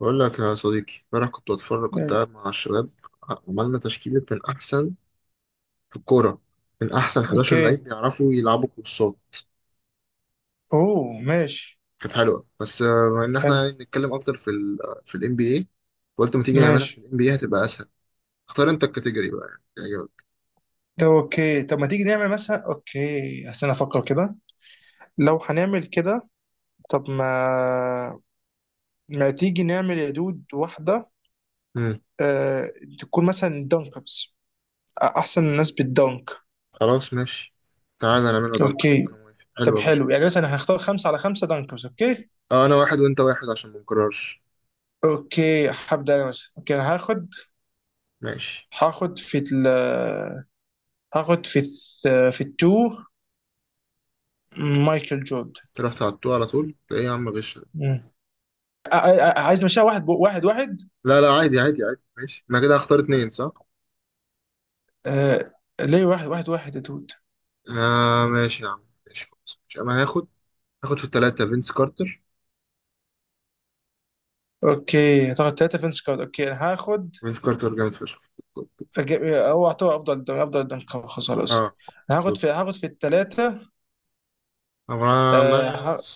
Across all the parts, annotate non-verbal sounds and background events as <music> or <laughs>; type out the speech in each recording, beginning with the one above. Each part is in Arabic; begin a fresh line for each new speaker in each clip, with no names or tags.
بقول لك يا صديقي، امبارح كنت بتفرج، كنت
نعم.
قاعد مع الشباب. عملنا تشكيلة من أحسن في الكورة، من أحسن 11 لعيب
اوكي،
بيعرفوا يلعبوا كورسات.
ماشي.
كانت حلوة، بس بما إن
حلو.
إحنا نتكلم أكتر في ال NBA، قلت ما تيجي نعملها في
ماشي.
ال NBA، هتبقى أسهل. اختار أنت الكاتيجوري بقى يعني يعجبك.
ده اوكي. طب ما تيجي نعمل مثلا اوكي، عشان افكر كده، لو هنعمل كده. طب ما تيجي نعمل يا دود واحدة.
مم.
آه... تكون مثلا دانكبس، احسن الناس بالدانك.
خلاص ماشي، تعالى نعملها دانكرز،
اوكي.
أنا موافق، حلو
طب
يا باشا.
حلو، يعني مثلا هنختار خمسة على خمسة دانكبس. اوكي.
آه، أنا واحد وأنت واحد عشان ما نكررش.
اوكي هبدأ انا مثلا. اوكي انا هاخد
ماشي.
هاخد في ال، في التو مايكل جوردن.
تروح تعطوه على طول؟ إيه يا عم غش ده؟
عايز نمشيها واحد واحد واحد.
لا لا، عادي عادي عادي، ماشي أنا كده هختار اتنين صح؟
آه، ليه واحد واحد واحد يا دود؟
آه ماشي يا عم، ماشي خلاص، مش انا هاخد، هاخد في التلاتة فينس كارتر.
اوكي هتاخد ثلاثة فينس كارد. اوكي انا هاخد.
فينس كارتر جامد فشخ.
أجيب- هو اعتبر افضل دنك خلاص خلاص.
اه
أنا هاخد
بالظبط.
في هاخد في الثلاثة. آه
أمرا-
ه-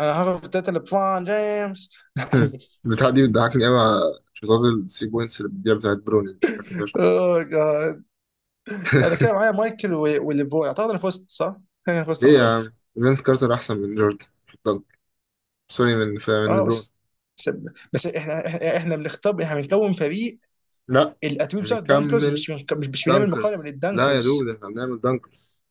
انا هاخد في الثلاثة لبرون جيمس. <laughs>
البتاع <laughs> دي بتضحكني قوي على شوطات الثري بوينتس اللي بتضيع بتاعت بروني، بتضحكني فشخ.
اوه جاد. انا كده
<laughs>
معايا مايكل والليبرون، اعتقد انا فزت صح؟ انا فزت، انا
ليه يا عم،
خلاص.
فينس كارتر احسن من جوردن في الدنك. سوري، من
اه
ليبرون.
بس, بس احنا احنا بنختار، احنا بنكون فريق.
لا،
الاتوبيس
احنا
بتاع الدنكرز،
بنكمل.
مش بنعمل مقارنة
دانكرز،
بين
لا يا دود،
الدنكرز.
احنا بنعمل دانكرز،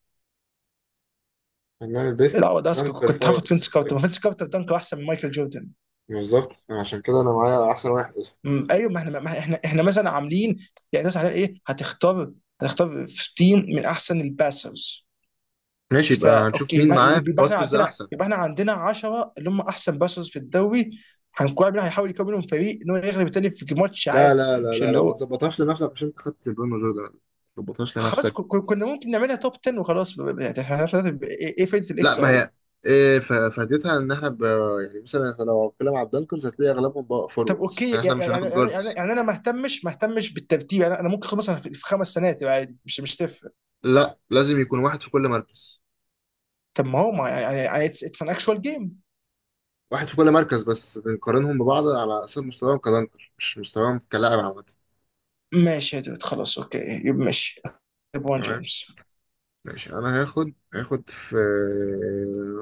احنا بنعمل بيست
لا ده أصل
دانكر
كنت هاخد
فايف.
فينس كارتر، ما فينس كارتر دنك احسن من مايكل جوردن.
بالظبط، عشان كده انا معايا احسن واحد.
ايوه، ما احنا احنا مثلا عاملين. يعني مثلا على ايه هتختار في تيم من احسن الباسرز.
ماشي، يبقى
فا
هنشوف
اوكي،
مين
يبقى
معاه في
يبقى احنا
باسترز
عندنا،
احسن.
يبقى احنا عندنا 10 اللي هم احسن باسرز في الدوري. هنكون مين هيحاول يكون منهم فريق ان هو يغلب التاني في ماتش
لا
عادي،
لا لا
مش
لا
اللي
لا، ما
هو.
تظبطهاش لنفسك عشان انت خدت برونو جوردن، ما تظبطهاش
خلاص
لنفسك.
كنا ممكن نعملها توب 10 وخلاص. يعني ايه، إيه فايده
لا
الاكس
ما
اي؟
هي، إيه فائدتها ان يعني مثلا إحنا لو هنتكلم على الدنكرز هتلاقي اغلبهم بقى
طب
فوروردز،
اوكي،
يعني احنا
يعني
مش
يعني
هناخد
يعني,
جاردز.
يعني انا ما اهتمش بالترتيب. يعني انا ممكن خلاص، انا في خمس سنوات يبقى عادي، مش تفرق.
لا، لازم يكون واحد في كل مركز.
طب ما هو ما، يعني اتس ان اكشوال جيم.
واحد في كل مركز، بس بنقارنهم ببعض على اساس مستواهم كدنكر، مش مستواهم كلاعب عامة.
ماشي يا دود، خلاص اوكي. يبقى ماشي. ليبرون
تمام.
جيمس.
ماشي انا هاخد، هاخد في،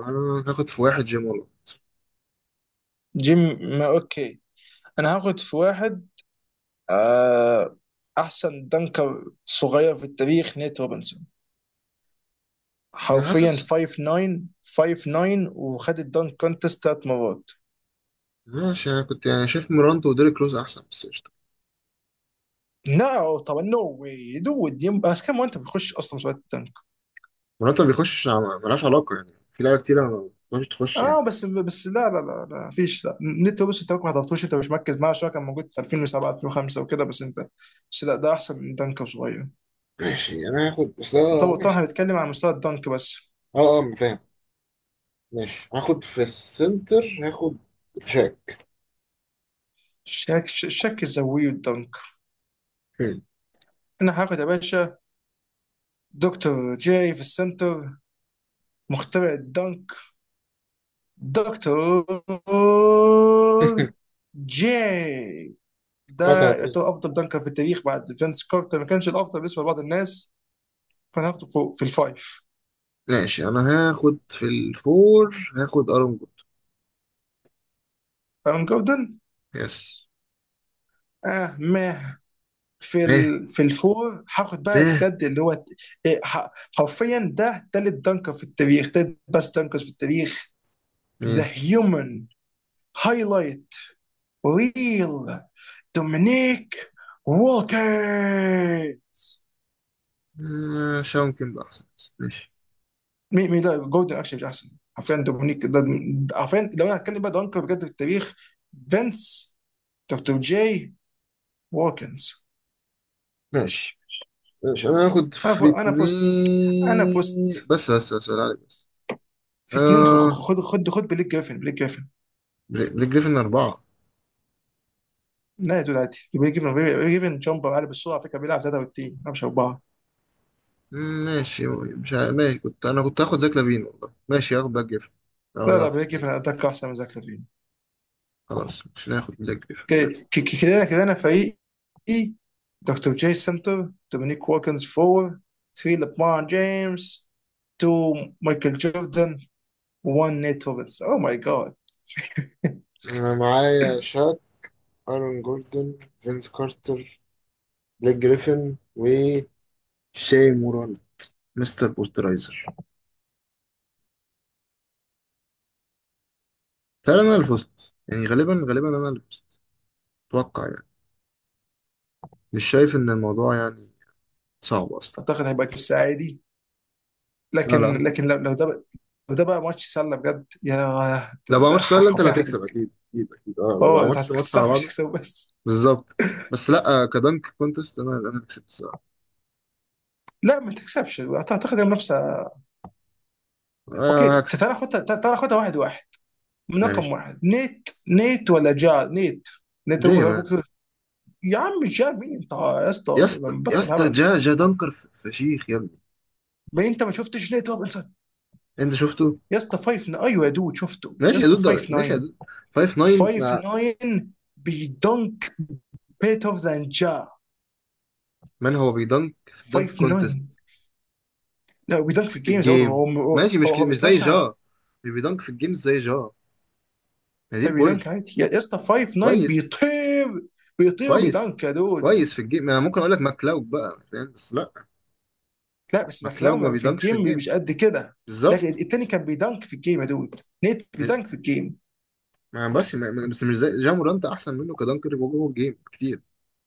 انا هاخد في واحد جيمولو.
جيم. ما اوكي، انا هاخد في واحد. آه احسن دنكر صغير في التاريخ، نيت روبنسون.
انا
حرفيا
حاسس.
5 9. 5 9، وخد الدنك كونتست ثلاث مرات.
ماشي، انا كنت يعني شايف مرانتو وديريك روز احسن، بس قشطه.
لا طبعا، نو واي دود. بس كم وانت بتخش اصلا مسابقات الدنك؟
مرانتو ما بيخشش، ملهاش علاقه، يعني في لعيبه كتيره ما بتخش تخش يعني.
اه بس لا لا لا لا فيش لا. نت، بص انت ممكن ما حضرتوش، انت مش مركز معاه شويه. كان موجود في 2007، 2005 وكده، بس انت. بس لا، ده احسن من دنك صغير.
ماشي انا هاخد، بس
طبعا طبعا،
ماشي.
هنتكلم عن مستوى الدنك بس.
اه اه فاهم. ماشي هاخد في السنتر، هاخد شاك.
شك الزاويه والدنك.
هم.
انا هاخد يا باشا دكتور جاي في السنتر، مخترع الدنك. دكتور
<laughs>
جاي.
قطعة
ده
هتقول.
يعتبر افضل دنكر في التاريخ بعد فينس كارتر، ما كانش الافضل بالنسبه لبعض الناس. فانا هاخده فوق في الفايف.
ماشي انا هاخد في الفور، هاخد ارون جود.
ارون جوردن.
يس.
اه ما
ايه.
في الفور هاخد بقى
ايه.
بجد اللي هو، إيه، ح- حرفيا ده تالت دنكر في التاريخ. تالت بس دنكر في التاريخ. ذا
مين؟
هيومن هايلايت ريل، دومينيك ووكر.
شاون كيمب احسن بس. ماشي.
مين؟ مين ده؟ جوردن اكشن مش احسن حرفيا، دومينيك. حرفيا لو انا هتكلم بقى دنكر بجد في التاريخ، فينس، دكتور جاي، ووكنز.
ماشي، ماشي انا هاخد في
انا فزت. انا
اتنين،
فزت.
بس بس بس بالله عليك. بس
في اتنين، خد خد خد بليك جريفن. بليك جريفن.
بليك جريفن أربعة.
لا يا دود، عادي بري جيفن. بري جيفن جامبر عالي بالسرعه، على فكره بيلعب 33 مش اربعه.
ماشي، مش ه... ماشي، أنا كنت هاخد زاك لافين والله، ماشي هاخد بلاك جريفن لو
لا لا،
يلعب في
بري
اتنين.
جيفن اتاك احسن من زاك لافين.
خلاص مش هناخد بلاك جريفن، ماله.
ك- كده كده، انا فريقي. دكتور جاي سنتر، دومينيك ووكنز فور، 3 لبرون جيمس، 2 مايكل جوردن، 1 نيت روبنز. اوه ماي جاد.
أنا معايا شاك، أرون جوردن، فينس كارتر، بليك جريفن، وشاي موران، مستر بوسترايزر. تعالى، أنا اللي فزت يعني، غالبا غالبا أنا اللي فزت. أتوقع يعني، مش شايف إن الموضوع يعني صعب أصلا.
اعتقد هيبقى قصه عادي،
لا
لكن
لا،
لكن لو لو ده بقى ماتش سله بجد يا.
لو ما
ده
عملتش سؤال أنت اللي
حرفيا
هتكسب، أكيد أكيد أكيد أه، لو ما
اه، انت
عملتش ماتش على
هتكسحها مش
بعض.
هتكسب بس.
بالظبط. بس لا كدنك كونتست انا اللي كسبت الصراحه.
لا ما تكسبش، اعتقد المنافسه.
آه
اوكي،
هكسب.
تعال خدها، تعال خدها واحد واحد. من رقم
ماشي.
واحد نيت. نيت ولا جار؟ نيت نيت. ممكن
جاي مان.
ممكن تقول. يا عم جار مين انت يا اسطى،
يا اسطى
ولا
يا
بطل
اسطى،
هبل؟
جا جا دنكر فشيخ يا ابني.
ما انت ما شفتش نيت روبنسون؟
انت شفته.
يا اسطى 5، ايوه يا دود شفته. يا
ماشي يا
اسطى
دود،
5
ماشي يا
9.
دود، 5 9
5
مع.
9 بيدنك. بيتر ذان جار.
من هو بيدنك في الدنك
5
كونتست؟
9. لا بيدنك في
مش في
الجيمز برضه،
الجيم،
هو هو
ماشي،
هو
مش زي
بيتوشع.
جا. مش بيدنك في الجيم زي جا. هي دي
لا
البوينت.
بيدنك عادي يا اسطى، 5 9
كويس.
بيطير. بيطير
كويس.
وبيدنك يا دود.
كويس، في الجيم انا ممكن اقول لك ماكلاوج بقى فاهم، بس لا.
لا بس
ماكلاوج ما
ماكلاومان في
بيدنكش في
الجيم
الجيم.
مش قد كده. لكن
بالظبط.
التاني كان بيدنك في الجيم يا دود، نيت بيدنك في الجيم.
ما بس ما ما- بس مش زي جامورانت، احسن منه كدنكر جوه الجيم كتير.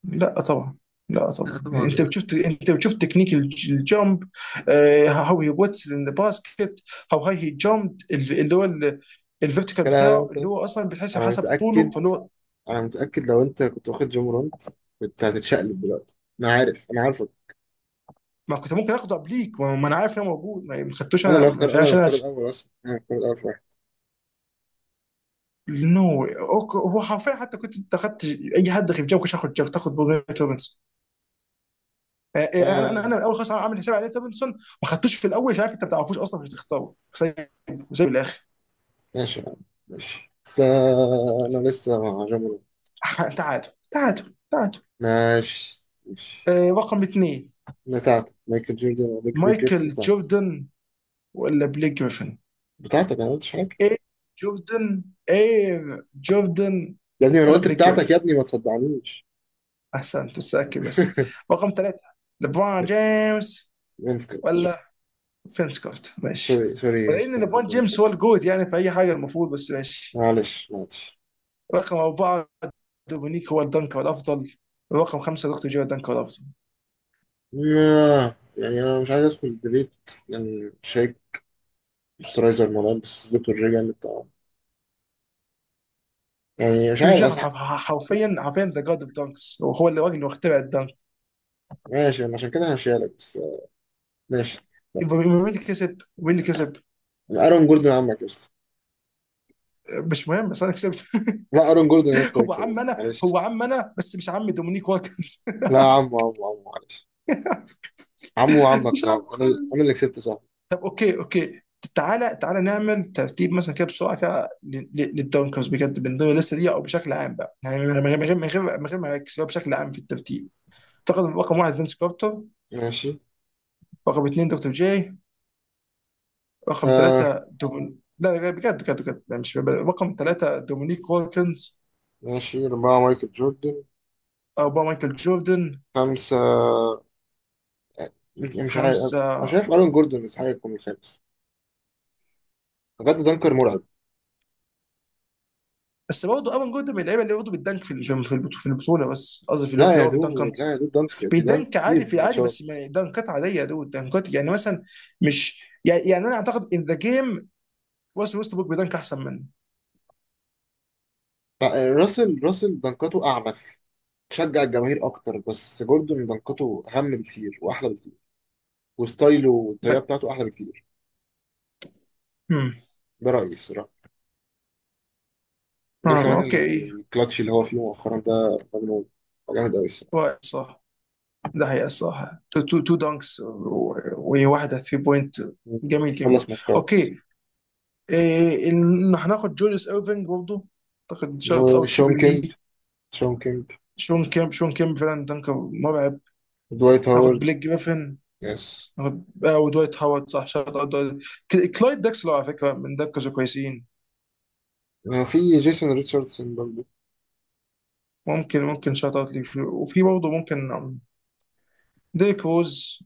لا طبعا. لا
لا
طبعا، يعني
طبعا
انت
ايه
بتشوف
بس.
انت بتشوف تكنيك الجامب. هاو هي واتس ان ذا باسكت. هاو هاي هي جامب، اللي هو الفيرتيكال
لا
بتاعه
لا
اللي
لا،
هو اصلا بتحسب
انا
حسب طوله،
متاكد.
فاللي هو.
انا متاكد لو انت كنت واخد جامورانت كنت هتتشقلب دلوقتي، انا عارف، انا عارفك.
ما كنت ممكن اخده قبليك، ما انا عارف ان هو موجود. ما خدتوش
انا اللي
انا،
هختار، انا
عشان
اللي هختار الاول، اصلا انا هختار الاول في واحد.
نو. هو حرفيا حتى كنت انت اخدت اي حد غير جامب، كنت هاخد جامب. تاخد بوجيت روبنز. انا انا
آه
انا اول خالص عامل حساب على ديفيدسون. ما خدتوش في الاول عشان عارف انت ما بتعرفوش اصلا، مش هتختاره سايبه وسايبه للاخر.
ماشي يا عم، ماشي بس انا لسه مع جامورانت.
تعادل، تعادل، تعادل.
ماشي ماشي.
رقم اثنين،
بتاعتك مايكل جوردن وبيج بيج جريفن
مايكل
بتاعتك؟
جوردن ولا بليك جريفن؟
بتاعتك، انا ما قلتش حاجه.
ايه؟ جوردن. ايه؟ جوردن
يا ابني، ما انا
ولا
قلت
بليك
بتاعتك، يا
جريفن؟
ابني ما تصدعنيش.
احسن تتسكي بس.
<laughs>
رقم ثلاثة، ليبرون جيمس
وينسكوت.
ولا فينس كورت؟ ماشي.
سوري سوري
ولان
استنى.
ليبرون جيمس هو الجود يعني في اي حاجه المفروض، بس ماشي.
معلش معلش.
رقم أربعة، دومينيك هو الدنك الافضل. ورقم خمسه، دكتور جيرارد دانك هو الافضل.
يعني انا مش عايز ادخل ديبيت لان شايف مسترايزر مولانا، بس دكتور رجع من الطعام، يعني مش
دكتور
عارف
جيرارد،
اصح.
حرفيا ذا جاد اوف دانكس. هو الراجل اللي اخترع الدنك.
ماشي، انا عشان كده هشيلك بس ماشي.
يبقى مين اللي كسب؟ مين اللي كسب؟
ارون جوردن عمك يا اسطى.
مش مهم بس انا كسبت. <laughs>
لا، ارون جوردن يا اسطى
هو
يكسب يا
عم
اسطى،
انا
معلش.
هو عم انا بس مش عم دومينيك واتكنز.
لا
<laughs>
عمو عمو عمو، معلش. عمو عمك
مش
صعب،
عم
انا
خالص.
انا اللي كسبت صعب.
طب اوكي، اوكي. تعالى تعالى نعمل ترتيب مثلا كده بسرعه كده، للدونكرز بجد من ضمن الليسته دي او بشكل عام بقى، يعني من غير ما اركز، هو بشكل عام في الترتيب. اعتقد رقم واحد فينس كارتر.
ماشي.
رقم اثنين دكتور جاي. رقم
آه
ثلاثة لا لا، بجد لا، مش بجد. رقم ثلاثة دومينيك وولكنز.
ماشي، أربعة مايكل جوردن.
أربعة مايكل جوردن.
خمسة مش عارف.
خمسة.
أنا شايف أرون جوردن يستحق يكون الخامس، بجد دنكر مرعب.
بس برضه ايفان جوردن من اللعيبه اللي برضه بتدنك في البطوله، في البطوله، بس قصدي في اللي هو،
لا يا
في الدنك
دو، لا يا
كونتست.
دو، دانك بيدانك
بيدنك
كتير
عادي
في
في عادي، بس
الماتشات.
ما دنكات عاديه، دول دنكات يعني مثلا. مش يعني، انا اعتقد ان ذا جيم، ويست بوك بيدنك احسن منه.
لا، راسل راسل دنكاته أعنف، تشجع الجماهير أكتر، بس جوردون دنكاته أهم بكتير وأحلى بكتير، وستايله والطريقة
ب-
بتاعته أحلى بكتير.
هم.
ده رأيي الصراحة. غير كمان
اوكي.
الكلاتش اللي هو فيه مؤخرا ده مجنون. جامد أوي الصراحة.
رأي صح. ده هي الصراحه تو دانكس وواحده 3 بوينت. جميل جميل.
خلص ماتشات.
اوكي. إيه إن هناخد جوليس ايرفينج برضه؟ اعتقد شوت اوت
وشون
كبير
كيمب.
ليه.
شون كيمب.
شون كيم فعلا دنكر مرعب.
دوايت
ناخد
هاورد.
بليك جريفن.
يس.
ناخد ودوايت هاورد، صح، شوت اوت دويت. كلايد داكسلر على فكره من دكز كويسين.
في جيسون ريتشاردسون برضه.
ممكن، شوت اوت ليه. وفي برضه ممكن، ديك روز.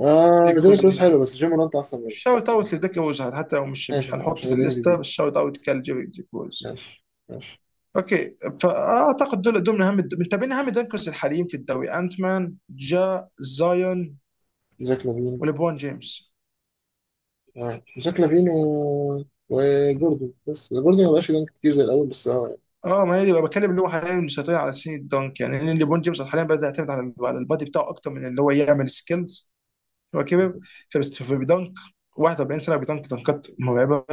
آه
ديك
ديريك
روز
روز
يعني،
حلو، بس جيم مورانت أحسن منه.
شوت اوت
ممكن.
لديك روز، حتى لو مش مش هنحط
عشان
في
ال
الليسته،
MVP.
بس شوت اوت كال جيري ديك روز.
ماشي ماشي.
اوكي. فاعتقد دول من اهم من تابعين اهم دنكرز الحاليين في الدوري، انت مان، جا، زايون
زاك لافين.
وليبرون جيمس.
آه. زاك لافين و... وجوردن، بس جوردن ما بقاش يدنك كتير زي الأول، بس اه
اه ما هي دي بقى بتكلم اللي هو حاليا مسيطر على سن الدنك يعني، لان ليبرون جيمس حاليا بدا يعتمد على البادي بتاعه اكتر من اللي هو يعمل سكيلز. هو كبر. فبس فبيدنك 41 سنه، بيدنك دنكات مرعبه.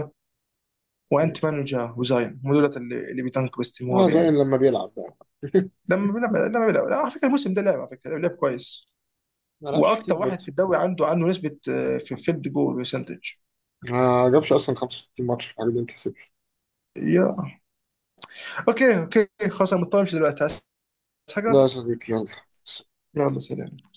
وانت
يعني.
مان وجا وزاين هم دولت اللي بيدنك
اه
باستمرار
زي
يعني.
لما بيلعب بقى. <laughs>
لما بيلعب لا، على فكره الموسم ده لعب، على فكره لعب كويس.
ما لعبش كتير
واكتر واحد
برضه.
في الدوري عنده، نسبه في فيلد جول برسنتج.
ما جابش أصلا 65 ماتش في حاجة، دي ما تحسبش.
يا اوكي، اوكي خلاص، انا مضطر امشي دلوقتي، عايز
لا يا
حاجه.
صديقي يلا.
يلا سلام.